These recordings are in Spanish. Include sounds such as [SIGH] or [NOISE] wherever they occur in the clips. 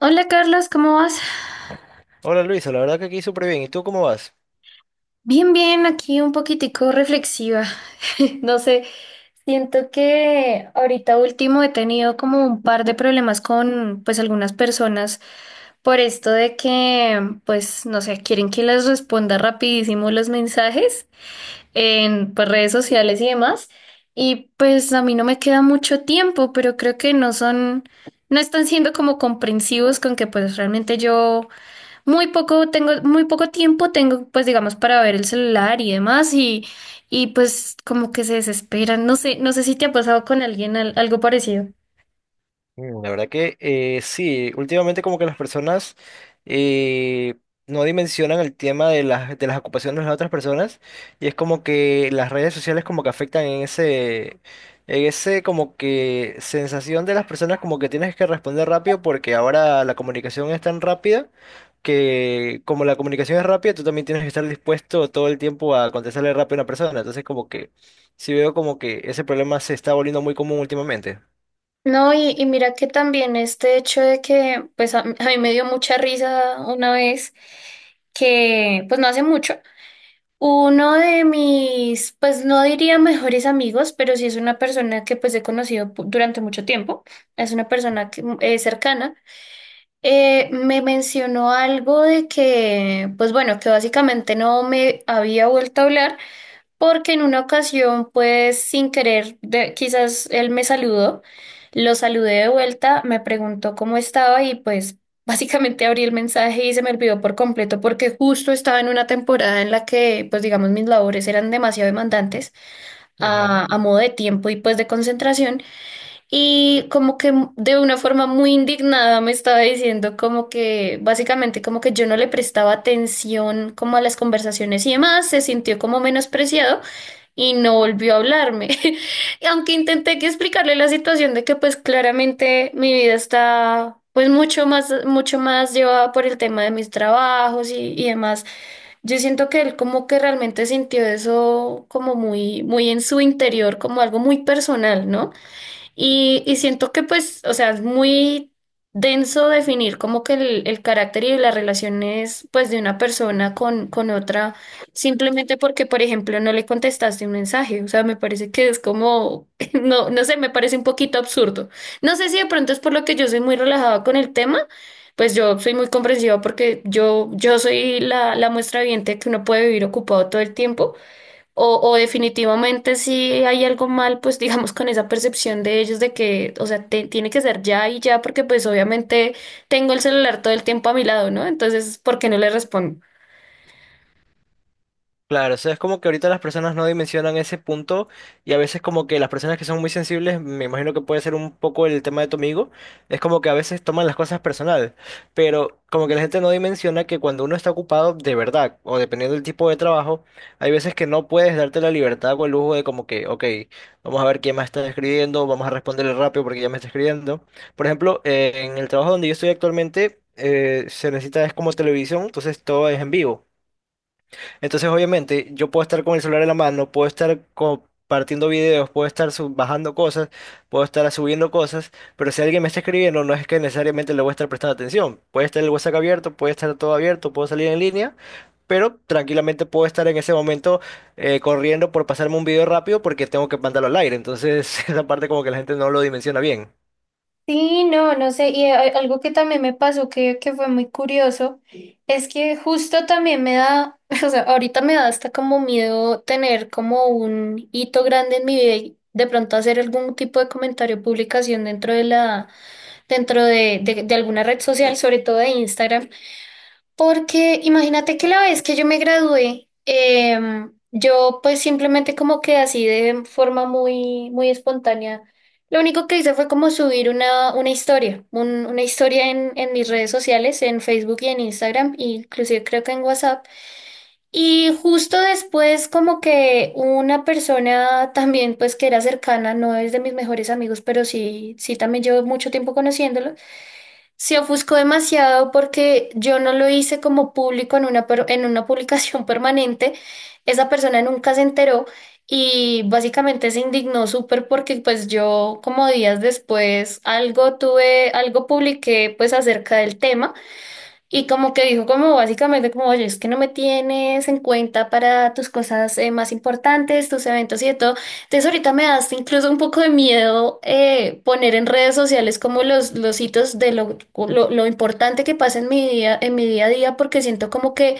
Hola Carlos, ¿cómo vas? Hola Luisa, la verdad que aquí súper bien. ¿Y tú cómo vas? Bien, bien, aquí un poquitico reflexiva. [LAUGHS] No sé, siento que ahorita último he tenido como un par de problemas con pues algunas personas por esto de que pues no sé, quieren que les responda rapidísimo los mensajes en pues, redes sociales y demás. Y pues a mí no me queda mucho tiempo, pero creo que no están siendo como comprensivos con que pues realmente yo Muy poco tengo, muy poco tiempo tengo, pues digamos, para ver el celular y demás, y pues como que se desesperan. No sé, si te ha pasado con alguien algo parecido. Mm, la verdad que sí, últimamente como que las personas eh, no dimensionan el tema de las ocupaciones de las otras personas y es como que las redes sociales como que afectan en ese como que sensación de las personas como que tienes que responder rápido porque ahora la comunicación es tan rápida que como la comunicación es rápida, tú también tienes que estar dispuesto todo el tiempo a contestarle rápido a una persona. Entonces como que sí veo como que ese problema se está volviendo muy común últimamente. No, y mira que también este hecho de que, pues a mí me dio mucha risa una vez, que pues no hace mucho, uno de mis, pues no diría mejores amigos, pero sí es una persona que pues he conocido durante mucho tiempo, es una persona que, cercana. Me mencionó algo de que, pues bueno, que básicamente no me había vuelto a hablar porque en una ocasión, pues sin querer, quizás él me saludó, lo saludé de vuelta, me preguntó cómo estaba y pues [LAUGHS] básicamente abrí el mensaje y se me olvidó por completo porque justo estaba en una temporada en la que, pues digamos, mis labores eran demasiado demandantes a modo de tiempo y pues de concentración. Y como que de una forma muy indignada me estaba diciendo como que básicamente como que yo no le prestaba atención como a las conversaciones y demás, se sintió como menospreciado y no volvió a hablarme. [LAUGHS] Y aunque intenté que explicarle la situación de que pues claramente mi vida está pues mucho más llevada por el tema de mis trabajos y demás. Yo siento que él como que realmente sintió eso como muy muy en su interior, como algo muy personal, ¿no? Y siento que pues, o sea, es muy denso definir como que el carácter y las relaciones pues de una persona con otra, simplemente porque, por ejemplo, no le contestaste un mensaje. O sea, me parece que es como, [LAUGHS] no sé, me parece un poquito absurdo. No sé si de pronto es por lo que yo soy muy relajada con el tema, pues yo soy muy comprensiva porque yo soy la muestra viviente que uno puede vivir ocupado todo el tiempo. O definitivamente si hay algo mal, pues [LAUGHS] digamos con esa percepción de ellos de que, o sea, tiene que ser ya y ya, porque pues obviamente tengo el celular todo el tiempo a mi lado, ¿no? Entonces, ¿por qué no le respondo? Claro, o sea, es como que ahorita las personas no dimensionan ese punto, y a veces como que las personas que son muy sensibles, me imagino que puede ser un poco el tema de tu amigo, es como que a veces toman las cosas personal, pero como que la gente no dimensiona que cuando uno está ocupado de verdad o dependiendo del tipo de trabajo, hay veces que no puedes darte la libertad o el lujo de como que, ok, vamos a ver quién más está escribiendo, vamos a responderle rápido porque ya me está escribiendo. Por ejemplo, en el trabajo donde yo estoy actualmente, se necesita es como televisión, entonces todo es en vivo. Entonces, obviamente, yo puedo estar con el celular en la mano, puedo estar compartiendo videos, puedo estar bajando cosas, puedo estar subiendo cosas, pero si alguien me está escribiendo, no es que necesariamente le voy a estar prestando atención. Puede estar el WhatsApp abierto, puede estar todo abierto, puedo salir en línea, pero tranquilamente puedo estar en ese momento corriendo por pasarme un video rápido porque tengo que mandarlo al aire. Entonces, [LAUGHS] esa parte como que la gente no lo dimensiona bien. Sí, no sé, y algo que también me pasó que fue muy curioso, es que justo también me da, [LAUGHS] o sea, ahorita me da hasta como miedo tener como un hito grande en mi vida y de pronto hacer algún tipo de comentario, o publicación dentro de alguna red social, sobre todo de Instagram, porque imagínate que la vez que yo me gradué, yo pues simplemente como que así de forma muy, muy espontánea, lo único que hice fue como subir una historia, una historia en mis redes sociales, en Facebook y en Instagram, e inclusive creo que en WhatsApp. Y justo después como que una persona también pues que era cercana, no es de mis mejores amigos, pero sí, sí también llevo mucho tiempo conociéndolo, se ofuscó demasiado porque yo no lo hice como público en en una publicación [LAUGHS] permanente. Esa persona nunca se enteró y básicamente se indignó súper porque pues yo como días después algo publiqué pues acerca del tema. Y como que dijo, como básicamente, como, oye, es que no me tienes en cuenta para tus cosas más importantes, tus eventos y de todo. Entonces ahorita me das incluso un poco de miedo poner en redes sociales como los hitos de lo importante que pasa en mi día a día, porque siento como que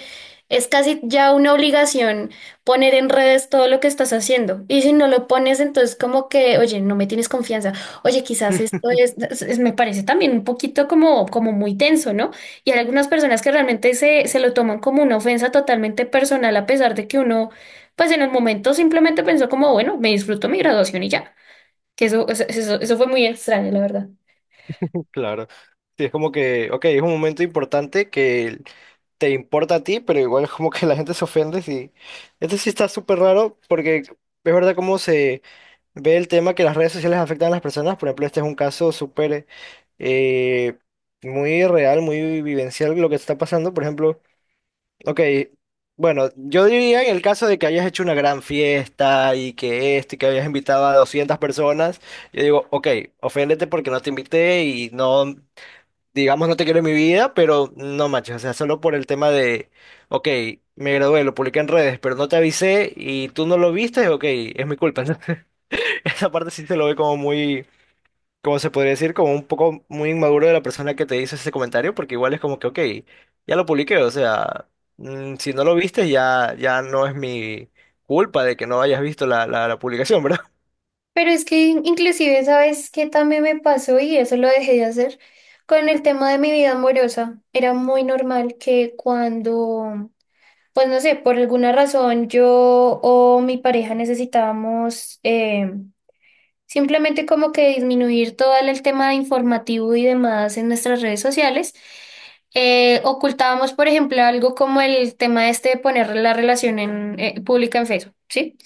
es casi ya una obligación poner en redes todo lo que estás haciendo. Y si no lo pones, entonces como que, oye, no me tienes confianza. Oye, quizás esto me parece también un poquito como, muy tenso, ¿no? Y hay algunas personas que realmente se lo toman como una ofensa totalmente personal, a pesar de que uno, pues en el momento simplemente pensó como, bueno, me disfruto mi graduación y ya. Que eso fue muy extraño, la verdad. Claro. Sí, es como que, ok, es un momento importante que te importa a ti, pero igual [LAUGHS] como que la gente se ofende. Sí. Esto sí está súper raro porque es verdad cómo se ve el tema que las redes sociales afectan a las personas. Por ejemplo, este es un caso súper eh, muy real, muy vivencial lo que está pasando. Por ejemplo, ok, bueno, yo diría en el caso de que hayas hecho una gran fiesta y que esto y que hayas invitado a 200 personas, yo digo, ok, oféndete porque no te invité y no, digamos, no te quiero en mi vida, pero no manches, o sea, solo por el tema de, ok, me gradué, lo publiqué en redes, pero no te avisé y tú no lo viste, ok, es mi culpa, ¿no? [LAUGHS] Esa parte sí se lo ve como muy, como se podría decir, como un poco muy inmaduro de la persona que te hizo ese comentario, porque igual es como que, ok, ya lo publiqué, o sea, mm, si no lo viste, ya, ya no es mi culpa de que no hayas visto la publicación, ¿verdad? Pero es que inclusive, ¿sabes qué también me pasó? Y eso lo dejé de hacer con el tema de mi vida amorosa. Era muy normal que cuando, pues no sé, por alguna razón yo o mi pareja necesitábamos simplemente como que disminuir todo el tema de informativo y demás en nuestras redes sociales. Ocultábamos, por ejemplo, algo como el tema este de poner la relación en, pública en Facebook, ¿sí?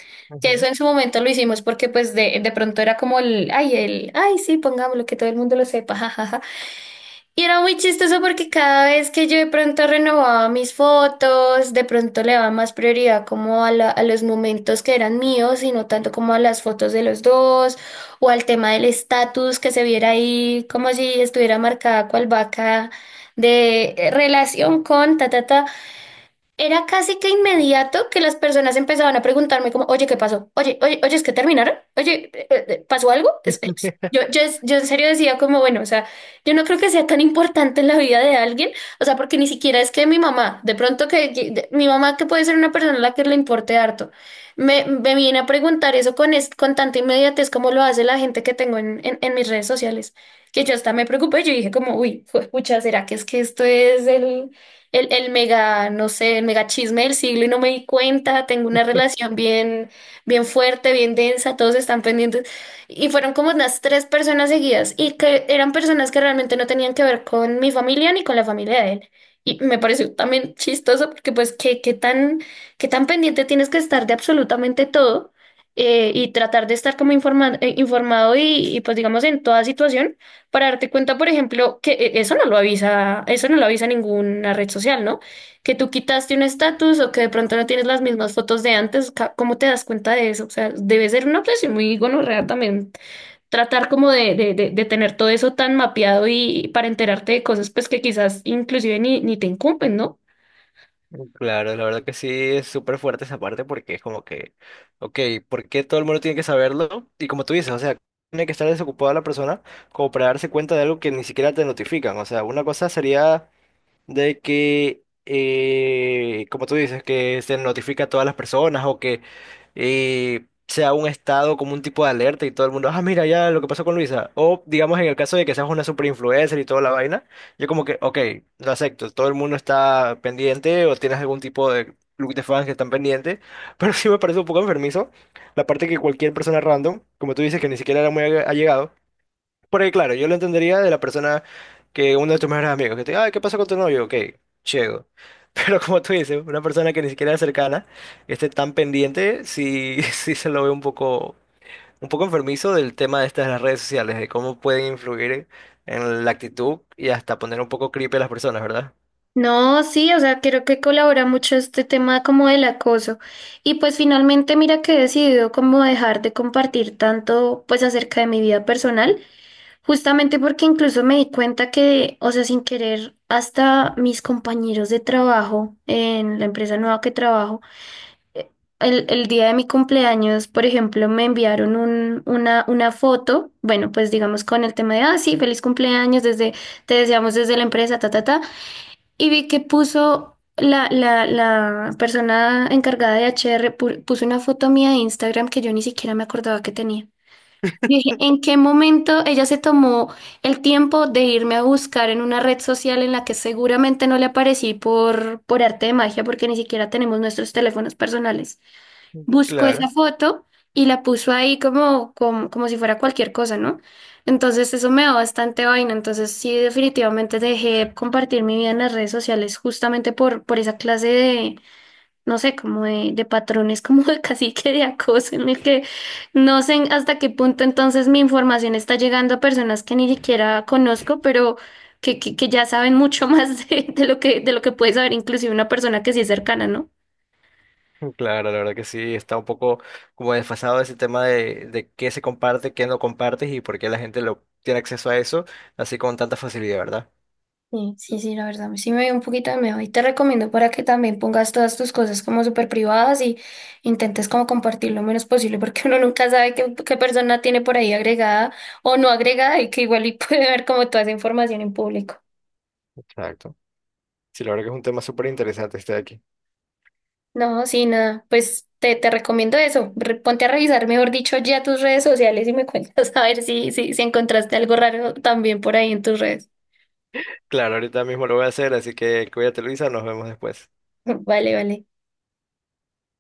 Que eso Ujú. en su momento lo hicimos porque pues de pronto era como el, ay, sí, pongámoslo, que todo el mundo lo sepa, [LAUGHS] jajaja. Y era muy chistoso porque cada vez que yo de pronto renovaba mis fotos, de pronto le daba más prioridad como a, a los momentos que eran míos y no tanto como a las fotos de los dos o al tema del estatus que se viera ahí como si estuviera marcada cual vaca de relación con ta ta ta. Era casi que inmediato que las personas empezaban a preguntarme como, oye, ¿qué pasó? Oye, oye, oye, ¿es que terminaron? Oye, ¿pasó algo? [LAUGHS] Yo, yo en serio decía como, bueno, o sea, yo no creo que sea tan importante en la vida de alguien, o sea, porque ni siquiera es que mi mamá, de pronto mi mamá que puede ser una persona a la que le importe harto, me viene a preguntar eso con, con tanta inmediatez como lo hace la gente que tengo en mis redes sociales, que yo hasta me preocupé, yo dije como, uy, pucha, ¿será que es que esto es el mega, no sé, el mega chisme del siglo y no me di cuenta, tengo una relación bien, bien fuerte, bien densa, todos están pendientes. Y fueron como unas tres personas seguidas y que eran personas que realmente no tenían que ver con mi familia ni con la familia de él. Y me pareció también chistoso porque pues qué tan pendiente tienes que estar de absolutamente todo y tratar de estar como informado y pues digamos en toda situación. Para darte cuenta, por ejemplo, que eso no lo avisa, eso no lo avisa ninguna red social, ¿no? Que tú quitaste un estatus o que de pronto no tienes las mismas fotos de antes, ¿cómo te das cuenta de eso? O sea, debe ser una obsesión muy gonorrea también tratar como de tener todo eso tan mapeado y para enterarte de cosas pues que quizás inclusive ni te incumben, ¿no? Claro, la verdad que sí es súper fuerte esa parte porque es como que, ok, ¿por qué todo el mundo tiene que saberlo? Y como tú dices, o sea, tiene que estar desocupada la persona como para darse cuenta de algo que ni siquiera te notifican. O sea, una cosa sería de que, como tú dices, que se notifica a todas las personas o que sea un estado como un tipo de alerta y todo el mundo, ah, mira ya lo que pasó con Luisa. O digamos en el caso de que seas una super influencer y toda la vaina, yo como que, ok, lo acepto, todo el mundo está pendiente o tienes algún tipo de club de fans que están pendientes, pero [LAUGHS] sí me parece un poco enfermizo la parte que cualquier persona random, como tú dices, que ni siquiera era muy allegado, porque claro, yo lo entendería de la persona que uno de tus mejores amigos, que te diga, "Ay, ¿qué pasa con tu novio?". Ok, ciego. [LAUGHS] Pero como tú dices, una persona que ni siquiera es cercana, esté tan pendiente, sí, [LAUGHS] sí se lo ve un poco enfermizo del tema de estas de las redes sociales, de cómo pueden influir en la actitud y hasta poner un poco creepy a las personas, ¿verdad? No, sí, o sea, creo que colabora mucho este tema como del acoso. Y pues finalmente mira que he decidido como dejar de compartir tanto pues acerca de mi vida personal. Justamente porque incluso me di cuenta que, o sea, sin querer, hasta mis compañeros de trabajo en la empresa nueva que trabajo, eh, el día de mi cumpleaños, por ejemplo, me enviaron una foto, bueno, pues digamos con el tema de, ah, sí, feliz cumpleaños, desde, te deseamos desde la empresa, ta, ta, ta, y vi que puso la persona encargada de HR, puso una foto mía de Instagram que yo ni siquiera me acordaba que tenía. Yo dije, ¿en qué momento ella se tomó el tiempo de irme a buscar en una red social en la que seguramente no le aparecí por arte de magia, porque ni siquiera tenemos nuestros teléfonos personales? Buscó esa Claro. foto y la puso ahí como si fuera cualquier cosa, ¿no? Entonces eso me da bastante vaina. Entonces sí, definitivamente dejé compartir mi vida en las redes sociales justamente por esa clase de, no sé, como de patrones, [LAUGHS] como de cacique de acoso, en el que no sé hasta qué punto entonces mi información está llegando a personas que ni siquiera conozco, pero que ya saben mucho [LAUGHS] más de lo que puede saber inclusive una persona que sí es cercana, ¿no? Claro, la verdad que sí, está un poco como desfasado ese tema de qué se comparte, qué no compartes y por qué la gente lo tiene acceso a eso así con tanta facilidad, ¿verdad? Sí, sí, sí, la verdad, sí me dio un poquito de miedo y te recomiendo para que también pongas todas tus cosas como súper privadas y intentes como compartir lo menos posible porque uno nunca sabe qué persona tiene por ahí agregada o no agregada y que igual y [LAUGHS] puede ver como toda esa información en público. Exacto. Sí, la verdad que es un tema súper interesante este de aquí. No, sí, nada. Pues te recomiendo eso. Ponte a revisar, mejor dicho, ya tus redes sociales y me cuentas [LAUGHS] a ver si encontraste algo raro también por ahí en tus redes. Claro, ahorita mismo lo voy a hacer, así que cuídate, Luisa, nos vemos después. [LAUGHS] Vale, vale.